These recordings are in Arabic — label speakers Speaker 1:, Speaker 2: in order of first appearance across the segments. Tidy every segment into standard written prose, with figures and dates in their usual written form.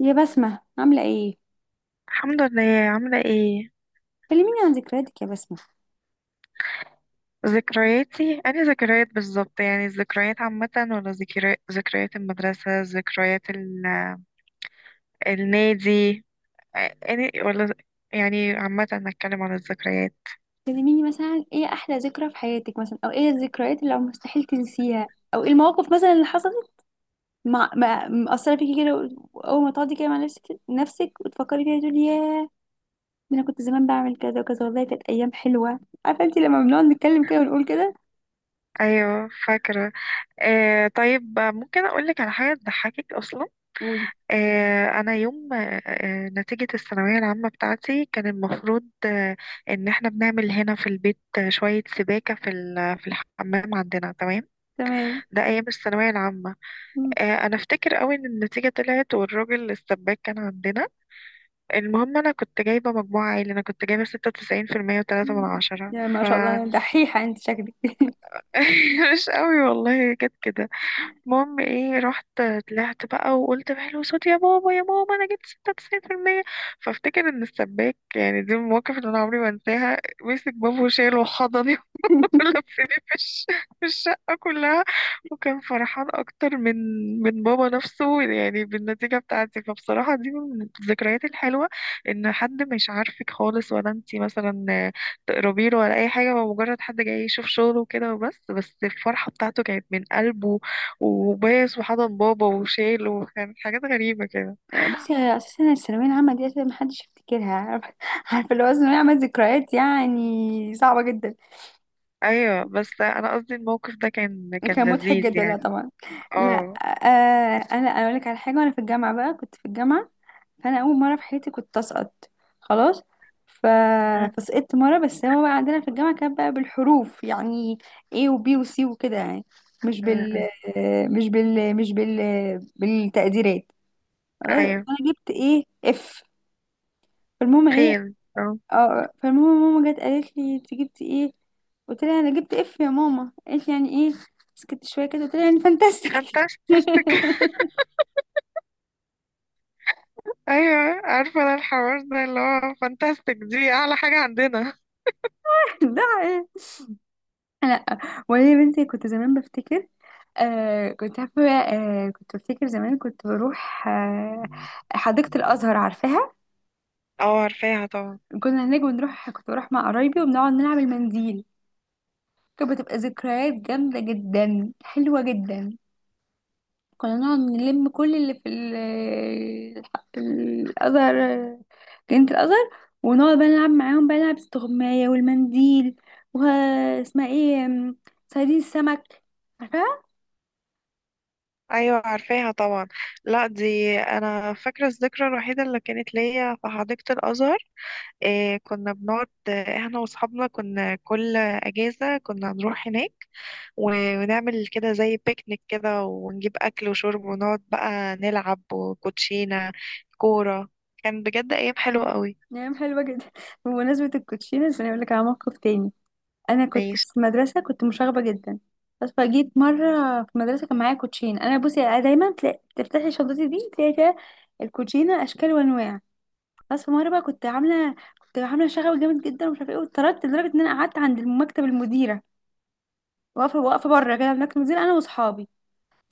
Speaker 1: يا بسمة عاملة ايه؟
Speaker 2: الحمد لله. عاملة ايه؟
Speaker 1: كلميني عن ذكرياتك يا بسمة.
Speaker 2: ذكرياتي أنا ذكريات بالظبط، يعني الذكريات عامة ولا ذكريات، ذكريات المدرسة، ذكريات النادي، أنا ولا يعني عامة نتكلم عن الذكريات.
Speaker 1: كلميني مثلا ايه احلى ذكرى في حياتك، مثلا او ايه الذكريات اللي مستحيل تنسيها، او ايه المواقف مثلا اللي حصلت مأثرة فيكي كده، اول ما تقعدي كده مع نفسك، نفسك وتفكري فيها تقولي ياه، ده انا كنت زمان بعمل كذا وكذا، والله كانت ايام حلوة. عارفة انت لما بنقعد نتكلم كده ونقول كده.
Speaker 2: أيوة فاكرة. طيب، ممكن أقولك على حاجة تضحكك أصلا.
Speaker 1: قولي.
Speaker 2: آه أنا يوم آه آه، نتيجة الثانوية العامة بتاعتي كان المفروض، إن احنا بنعمل هنا في البيت، شوية سباكة في الحمام عندنا. تمام.
Speaker 1: تمام.
Speaker 2: ده أيام الثانوية العامة. أنا أفتكر أوي إن النتيجة طلعت والراجل السباك كان عندنا. المهم أنا كنت جايبة مجموعة عالي، أنا كنت جايبة 96% وتلاتة من عشرة.
Speaker 1: يعني ما
Speaker 2: ف
Speaker 1: شاء الله دحيحة انت شكلك.
Speaker 2: مش أوي والله، جت كده. المهم إيه، رحت طلعت بقى وقلت بحلو صوتي يا بابا يا ماما أنا جبت 96%. فأفتكر إن السباك، يعني دي المواقف اللي أنا عمري ما أنساها، مسك بابه وشاله وحضن لفيني في الشقة كلها، وكان فرحان أكتر من بابا نفسه يعني بالنتيجة بتاعتي. فبصراحة دي من الذكريات الحلوة، إن حد مش عارفك خالص ولا أنتي مثلا تقربي له ولا أي حاجة، هو مجرد حد جاي يشوف شغله وكده بس الفرحة بتاعته كانت من قلبه، وبايس وحضن بابا وشايله، وكان حاجات غريبة كده.
Speaker 1: بصي هي اساسا الثانويه العامه دي اساسا محدش يفتكرها، عارفه. عارفة اللي هو الثانويه عامه ذكريات يعني صعبه جدا.
Speaker 2: أيوة، بس أنا قصدي الموقف ده كان
Speaker 1: كان مضحك
Speaker 2: لذيذ
Speaker 1: جدا، لا
Speaker 2: يعني.
Speaker 1: طبعا. لا.
Speaker 2: اه.
Speaker 1: آه انا أنا اقول لك على حاجه، وانا في الجامعه، بقى كنت في الجامعه، فانا اول مره في حياتي كنت اسقط. خلاص. ف...
Speaker 2: م-
Speaker 1: فسقطت مره، بس هو بقى عندنا في الجامعه كان بقى بالحروف يعني، A وB وC وكده يعني، مش
Speaker 2: م-
Speaker 1: بال
Speaker 2: م.
Speaker 1: مش بال بالتقديرات. خلاص
Speaker 2: أيوه.
Speaker 1: انا جبت ايه، اف. فالمهم ايه؟
Speaker 2: فين؟
Speaker 1: اه فالمهم ماما جت قالت لي انت جبتي ايه، قلت لها انا جبت اف يا ماما، قالت لي يعني ايه؟ سكت شويه كده قلت لها يعني فانتاستيك.
Speaker 2: فانتاستيك. ايوه، عارفه انا الحوار ده اللي هو فانتاستيك دي اعلى حاجه عندنا.
Speaker 1: ده ايه؟ لا، وانا يا بنتي كنت زمان بفتكر، آه كنت عارفه، كنت بفتكر زمان كنت بروح، حديقه الازهر، عارفاها؟
Speaker 2: اه، عارفاها طبعا.
Speaker 1: كنا هناك بنروح، كنت بروح مع قرايبي وبنقعد نلعب المنديل، كانت بتبقى ذكريات جامده جدا، حلوه جدا. كنا نقعد نلم كل اللي في الأزهر، جنينة الأزهر، ونقعد بقى نلعب معاهم، بقى نلعب استغماية والمنديل، واسمها ايه صيادين السمك، عارفاها؟
Speaker 2: ايوه عارفاها طبعا. لا، دي انا فاكره الذكرى الوحيده اللي كانت ليا في حديقه الازهر. إيه، كنا بنقعد، احنا واصحابنا كنا كل اجازه كنا نروح هناك، ونعمل كده زي بيكنيك كده، ونجيب اكل وشرب، ونقعد بقى نلعب وكوتشينه، كوره. كان بجد ايام حلوه قوي.
Speaker 1: نعم حلوة جدا. بمناسبة الكوتشينة عشان أقول لك على موقف تاني، أنا كنت
Speaker 2: ماشي.
Speaker 1: في المدرسة كنت مشاغبة جدا، بس فجيت مرة في المدرسة كان معايا كوتشين. أنا بصي أنا دايما تلاقي تفتحي شنطتي دي تلاقي فيها الكوتشينة أشكال وأنواع. بس في مرة بقى كنت عاملة شغب جامد جدا ومش عارفة ايه، واتطردت لدرجة ان انا قعدت عند مكتب المديرة، واقفة بره كده عند مكتب المديرة انا واصحابي.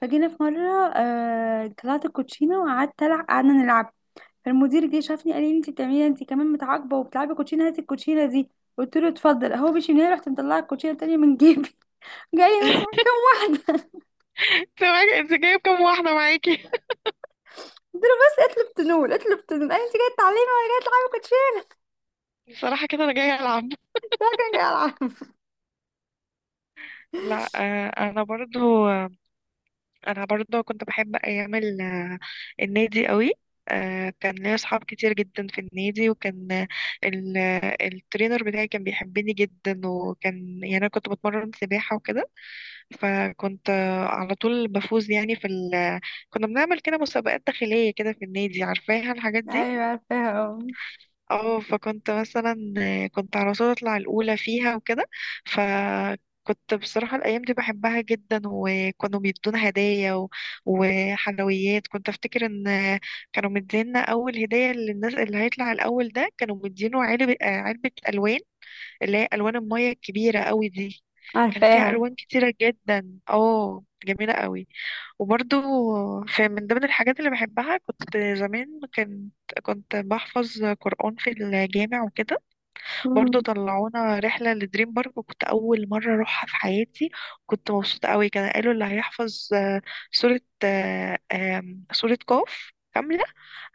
Speaker 1: فجينا في مرة طلعت الكوتشينة وقعدت العب، قعدنا نلعب. فالمدير جه شافني قال لي انت بتعملي، انت كمان متعاقبة وبتلعبي كوتشينة؟ هاتي الكوتشينة دي. قلت له اتفضل. هو مشي من هنا رحت مطلعه الكوتشينة التانية من جيبي. جاي هو انت معاك كام واحدة،
Speaker 2: انت جايب كام واحده معاكي؟
Speaker 1: قلت له بس اطلب تنول، اطلب تنول. قال انت جاية تعلمي ولا جاية تلعبي كوتشينة؟
Speaker 2: بصراحة كده أنا جاية ألعب.
Speaker 1: لا كان جاي العب.
Speaker 2: لا. أنا برضو، كنت بحب أيام النادي قوي. كان ليا أصحاب كتير جدا في النادي، وكان ال- الترينر بتاعي كان بيحبني جدا، وكان يعني أنا كنت بتمرن سباحة وكده. فكنت على طول بفوز يعني كنا بنعمل كده مسابقات داخلية كده في النادي، عارفاها الحاجات دي.
Speaker 1: ايوه عارفاها، اه
Speaker 2: اه. فكنت مثلا كنت على طول اطلع الاولى فيها وكده. فكنت بصراحه الايام دي بحبها جدا، وكانوا بيدونا هدايا وحلويات. كنت افتكر ان، كانوا مدينا اول هديه للناس اللي هيطلع الاول، ده كانوا مدينه علبه، علبه الوان، اللي هي الوان الميه الكبيره قوي دي. كان فيها
Speaker 1: عارفاها.
Speaker 2: الوان كتيره جدا، اه، جميله قوي. وبرضو في من ضمن الحاجات اللي بحبها، كنت زمان كنت بحفظ قرآن في الجامع وكده. برضو
Speaker 1: مم.
Speaker 2: طلعونا رحلة لدريم بارك، وكنت أول مرة أروحها في حياتي. كنت مبسوطة قوي. كان قالوا اللي هيحفظ، سورة آه، آم، سورة قاف كاملة،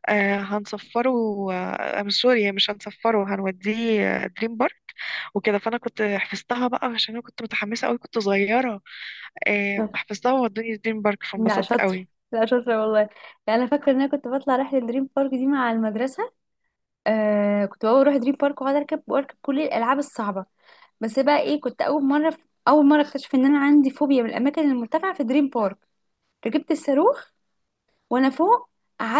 Speaker 2: هنصفره، آه، آم، سوري مش هنصفره، هنوديه دريم بارك. وكده فأنا كنت حفظتها بقى عشان أنا كنت متحمسة قوي، كنت صغيرة. حفظتها وودوني دريم بارك
Speaker 1: لا
Speaker 2: فانبسطت
Speaker 1: شاطر.
Speaker 2: قوي.
Speaker 1: لا شاطرة والله. لا أنا فاكرة إن أنا كنت بطلع رحلة دريم بارك دي مع المدرسة. آه كنت بقى أروح دريم بارك وأقعد أركب وأركب كل الألعاب الصعبة. بس بقى إيه، كنت أول مرة، أول مرة أكتشف إن أنا عندي فوبيا من الأماكن المرتفعة في دريم بارك. ركبت الصاروخ وأنا فوق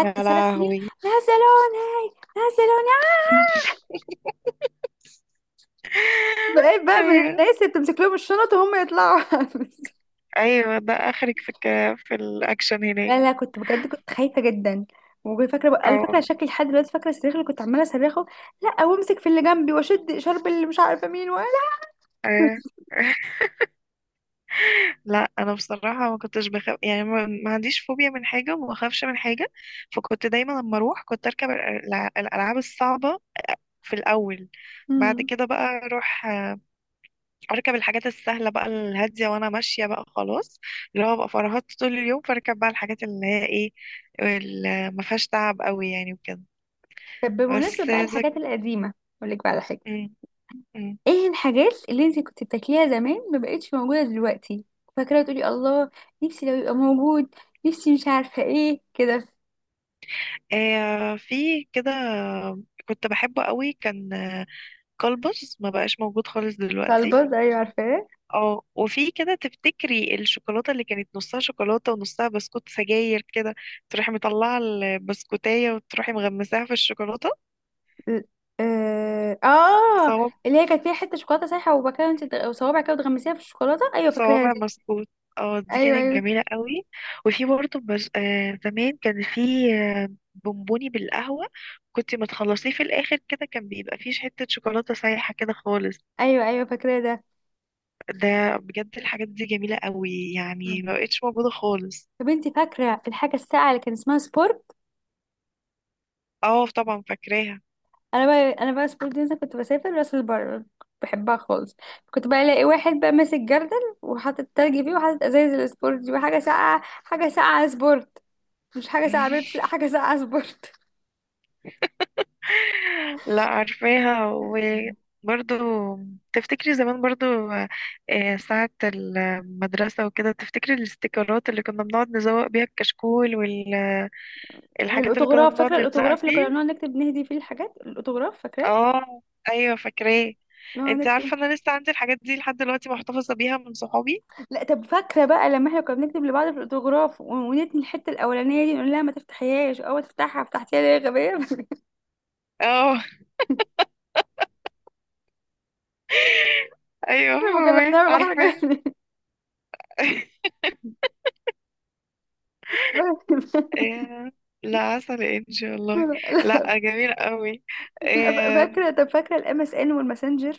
Speaker 2: يا
Speaker 1: صرخ صريخ،
Speaker 2: لهوي.
Speaker 1: نزلوني، نزلوني. بقيت بقى من
Speaker 2: ايوه،
Speaker 1: الناس اللي بتمسك لهم الشنط وهم يطلعوا.
Speaker 2: ايوه، ده اخرك في الاكشن هناك؟
Speaker 1: لا لا، كنت بجد كنت خايفه جدا، وكنت فاكره بقى، انا
Speaker 2: او.
Speaker 1: فاكره شكلي لحد دلوقتي، فاكره الصريخ اللي كنت عماله صرخه. لا، وامسك في اللي جنبي واشد شرب اللي مش عارفه مين ولا.
Speaker 2: أيوة. لا انا بصراحه ما كنتش بخاف يعني، ما عنديش فوبيا من حاجه، وما بخافش من حاجه. فكنت دايما لما اروح كنت اركب الالعاب الصعبه في الاول. بعد
Speaker 1: امم.
Speaker 2: كده بقى اروح، اركب الحاجات السهله بقى، الهاديه، وانا ماشيه بقى خلاص. اللي هو بقى فرهدت طول اليوم، فاركب بقى الحاجات اللي هي ايه، اللي ما فيهاش تعب قوي يعني وكده.
Speaker 1: طب بمناسبه
Speaker 2: بس.
Speaker 1: بقى الحاجات القديمه، اقول لك بقى على حاجه،
Speaker 2: مم. مم.
Speaker 1: ايه الحاجات اللي انت كنت بتاكليها زمان ما بقتش موجوده دلوقتي، فاكره تقولي الله نفسي لو يبقى موجود، نفسي مش عارفه ايه كده.
Speaker 2: في كده كنت بحبه قوي، كان كلبس، ما بقاش موجود خالص دلوقتي.
Speaker 1: كلبز، ايوه عارفاه.
Speaker 2: اه، وفي كده تفتكري الشوكولاتة اللي كانت نصها شوكولاتة ونصها بسكوت سجاير كده، تروحي مطلعة البسكوتاية وتروحي مغمساها في الشوكولاتة.
Speaker 1: ال- اه آه،
Speaker 2: صواب،
Speaker 1: اللي هي كانت فيها حته شوكولاته سايحه، وبكده انت وصوابعك كده وتغمسيها في الشوكولاته، ايوه فاكراها
Speaker 2: صوابع
Speaker 1: دي.
Speaker 2: بسكوت. اه دي
Speaker 1: ايوه
Speaker 2: كانت
Speaker 1: ايوه.
Speaker 2: جميلة قوي. وفي برضه، بس زمان كان في، آه، بونبوني بالقهوة، كنت ما تخلصيه في الآخر كده كان بيبقى فيه حتة شوكولاتة سايحة كده خالص.
Speaker 1: ايوه ايوه فاكراه ده.
Speaker 2: ده بجد الحاجات دي جميلة قوي
Speaker 1: مم.
Speaker 2: يعني ما بقتش موجودة خالص.
Speaker 1: طب انت فاكره الحاجه الساقعه اللي كان اسمها سبور؟
Speaker 2: اه طبعا فاكراها.
Speaker 1: انا بقى انا بقى سبور دي مثلا كنت بسافر راس البر بحبها خالص. كنت بقى الاقي واحد بقى ماسك جردل وحاطط تلج فيه وحاطط ازايز السبورت دي، وحاجه ساقعه، حاجه ساقعه سبورت، مش حاجه ساقعه بيبس، لا حاجه ساقعه سبورت.
Speaker 2: لا عارفاها.
Speaker 1: مم.
Speaker 2: وبرضو تفتكري زمان برضو، ساعة المدرسة وكده، تفتكري الاستيكرات اللي كنا بنقعد نزوق بيها الكشكول والحاجات، اللي كنا
Speaker 1: والاوتوغراف، فاكره
Speaker 2: بنقعد نلزقها
Speaker 1: الاوتوغراف اللي كنا
Speaker 2: فيه.
Speaker 1: بنقعد نكتب نهدي فيه الحاجات، الاوتوغراف فاكراه،
Speaker 2: اه. ايوه فاكراه.
Speaker 1: نقعد
Speaker 2: انت
Speaker 1: نكتب.
Speaker 2: عارفة انا لسه عندي الحاجات دي لحد دلوقتي، محتفظة بيها من صحابي.
Speaker 1: لا طب فاكره بقى لما احنا كنا بنكتب لبعض في الاوتوغراف ونتني الحته الاولانيه دي نقول لها ما تفتحيهاش، او تفتحها فتحتيها ليه يا غبيه.
Speaker 2: اه، ايوه
Speaker 1: ما كنا
Speaker 2: فاهمة،
Speaker 1: بنعمل حركة
Speaker 2: عارفة.
Speaker 1: يعني. لا. لا،.
Speaker 2: آه، لا عسل انجي والله،
Speaker 1: ف-
Speaker 2: لا جميل قوي. اه.
Speaker 1: فاكرة؟ طب فاكرة الام اس ان والماسنجر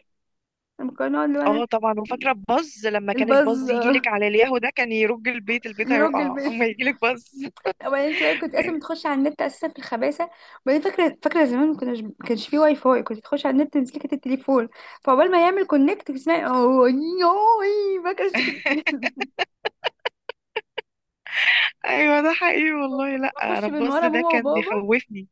Speaker 1: لما كنا نقعد اللي هو أنا.
Speaker 2: طبعا. وفاكره الباز لما كان
Speaker 1: الباز
Speaker 2: الباز يجي لك على الياهو ده، كان يرج البيت، البيت
Speaker 1: يرج
Speaker 2: هيقع
Speaker 1: البيت،
Speaker 2: اما يجي لك باز.
Speaker 1: وبعدين انت بقى كنت
Speaker 2: كان-
Speaker 1: اصلا بتخش على النت اساسا في الخباثة. وبعدين فاكرة، زمان ما كناش، ما كانش فيه واي فاي كنت تخش على النت تمسكي كانت التليفون، فعقبال ما يعمل كونكت تسمعي اوه يوي، فاكرة انت كنت؟
Speaker 2: ايوه، ده حقيقي والله. لا انا
Speaker 1: بخش من
Speaker 2: الباز
Speaker 1: ورا
Speaker 2: ده
Speaker 1: ماما
Speaker 2: كان
Speaker 1: وبابا.
Speaker 2: بيخوفني.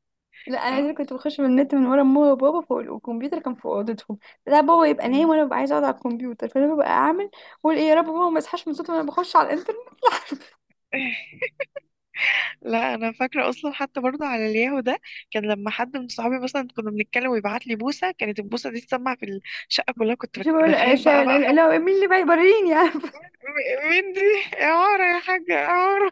Speaker 1: لا انا اللي
Speaker 2: اه.
Speaker 1: كنت بخش من النت من ورا ماما وبابا فوق، والكمبيوتر كان في اوضتهم. لا بابا يبقى نايم
Speaker 2: مم.
Speaker 1: وانا ببقى عايزه اقعد على الكمبيوتر، فانا ببقى اعمل، اقول ايه يا رب ماما ما يصحاش من صوتي وانا بخش على الانترنت.
Speaker 2: لا انا فاكره اصلا حتى برضه على الياهو ده، كان لما حد من صحابي مثلا كنا بنتكلم ويبعت لي بوسه، كانت البوسه دي تسمع في الشقه كلها، كنت
Speaker 1: مش بقول
Speaker 2: بخاف بقى حب...
Speaker 1: لا، مين اللي بقى يبريني يعني.
Speaker 2: مين دي؟ يا عمر يا حاجه يا عمر.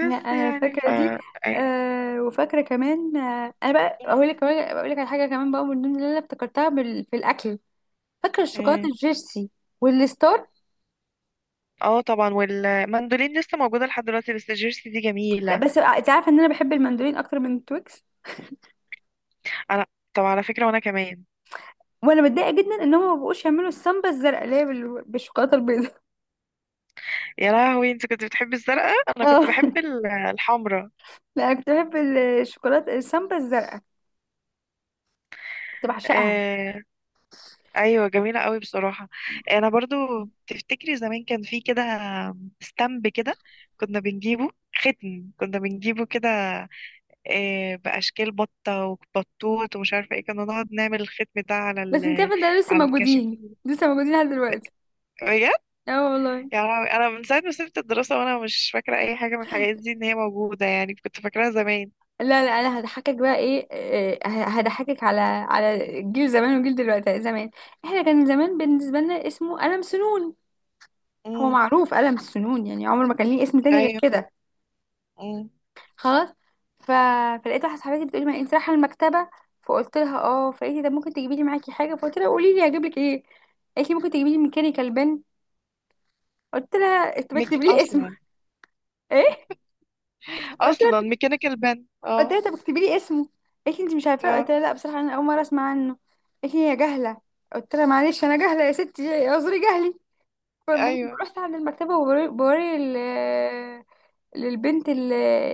Speaker 1: لا انا
Speaker 2: يعني
Speaker 1: فاكره دي.
Speaker 2: مم.
Speaker 1: وفاكره كمان، انا بقى اقول لك كمان، اقول لك على حاجه كمان بقى من ضمن اللي انا افتكرتها في الاكل، فاكره الشوكولاته
Speaker 2: مم.
Speaker 1: الجيرسي والستار.
Speaker 2: اه طبعا، والمندولين لسه موجودة لحد دلوقتي، بس الجيرسي دي جميلة.
Speaker 1: بس انت عارفه ان انا بحب المندولين اكتر من التويكس،
Speaker 2: انا. طب على فكرة، وانا كمان.
Speaker 1: وانا متضايقه جدا ان هم ما بقوش يعملوا السامبا الزرقاء اللي هي بالشوكولاته البيضاء.
Speaker 2: يا لهوي، انت كنت بتحبي الزرقاء؟ انا كنت
Speaker 1: اه.
Speaker 2: بحب الحمراء.
Speaker 1: لا انا كنت بحب الشوكولاته السامبا الزرقاء، كنت بعشقها.
Speaker 2: آه... ايوه جميلة قوي بصراحة. انا برضو تفتكري زمان كان في كده، ستامب كده كنا بنجيبه، ختم كنا بنجيبه كده، آه، بأشكال بطة وبطوط ومش عارفة ايه، كنا نقعد نعمل الختم ده
Speaker 1: بس انت عارفه ده لسه
Speaker 2: على الكشك.
Speaker 1: موجودين، لسه موجودين لحد دلوقتي. اه والله.
Speaker 2: يا لهوي، انا من ساعه ما سبت الدراسه وانا مش فاكره اي حاجه من الحاجات دي ان هي موجوده يعني، كنت فاكراها زمان.
Speaker 1: لا لا انا هضحكك بقى ايه، هضحكك على على جيل زمان وجيل دلوقتي، زمان احنا كان زمان بالنسبه لنا اسمه قلم سنون، هو
Speaker 2: امم.
Speaker 1: معروف قلم السنون يعني عمر ما كان ليه اسم تاني غير
Speaker 2: ايوه.
Speaker 1: كده.
Speaker 2: امم.
Speaker 1: خلاص. ف... فلقيت واحده صاحبتي بتقولي ما انت رايحه المكتبه، فقلت لها اه، فقالت لي ده ممكن تجيبي لي معاكي حاجه؟ فقلت لها قولي لي هجيب لك ايه، قالت لي ممكن تجيبي لي ميكانيكال بن، قلت لها انت بتكتبي لي اسمه.
Speaker 2: اصلا،
Speaker 1: ايه؟ قلت لها،
Speaker 2: ميكانيكال بن؟
Speaker 1: قلت لها
Speaker 2: اه.
Speaker 1: طب اكتبي لي اسمه، قالت لي انت مش عارفاه،
Speaker 2: اه.
Speaker 1: قلت لها لا بصراحه انا اول مره اسمع عنه، قالت لي يا جهله، قلت لها معلش انا جهله يا ستي اعذري جهلي. فالمهم
Speaker 2: ايوه.
Speaker 1: رحت عند المكتبه وبوري بوري للبنت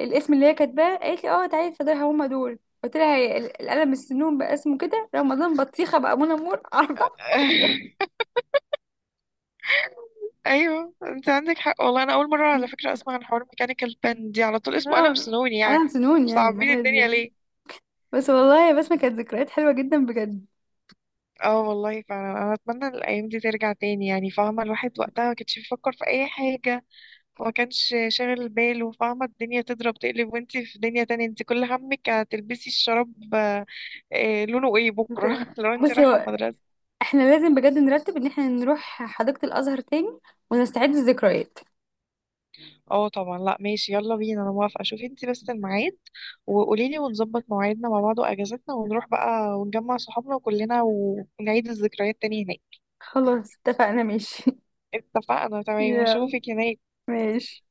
Speaker 1: الاسم اللي هي كاتباه، قالت لي اه تعالي اتفضلي هما دول. قلت لها هي القلم السنون بقى اسمه كده، رمضان بطيخه بقى منى مور. عارفه.
Speaker 2: ايوه، انت عندك حق والله، انا اول مره على فكره اسمع عن حوار ميكانيكال بن دي، على طول اسمه قلم
Speaker 1: نعم
Speaker 2: سنوني
Speaker 1: قلم
Speaker 2: يعني.
Speaker 1: سنون يعني
Speaker 2: صعبين الدنيا
Speaker 1: عادي.
Speaker 2: ليه؟
Speaker 1: بس والله بس ما كانت ذكريات حلوه جدا بجد.
Speaker 2: اه والله فعلا، انا اتمنى الايام دي ترجع تاني يعني، فاهمه الواحد وقتها ما كانش بيفكر في اي حاجه وما كانش شاغل باله، فاهمة الدنيا تضرب تقلب وانتي في دنيا تانية، انتي كل همك هتلبسي الشراب، لونه ايه
Speaker 1: انت-
Speaker 2: بكرة، لو انتي
Speaker 1: بصي
Speaker 2: رايحة
Speaker 1: هو
Speaker 2: المدرسة.
Speaker 1: احنا لازم بجد نرتب ان احنا نروح حديقة الازهر تاني ونستعيد الذكريات.
Speaker 2: اه طبعا، لا ماشي، يلا بينا، انا موافقة. شوفي انتي بس الميعاد وقوليلي، ونظبط مواعيدنا مع بعض واجازتنا، ونروح بقى ونجمع صحابنا كلنا ونعيد الذكريات تاني هناك.
Speaker 1: خلاص اتفقنا ماشي.
Speaker 2: اتفقنا، تمام،
Speaker 1: يلا
Speaker 2: اشوفك هناك.
Speaker 1: ماشي.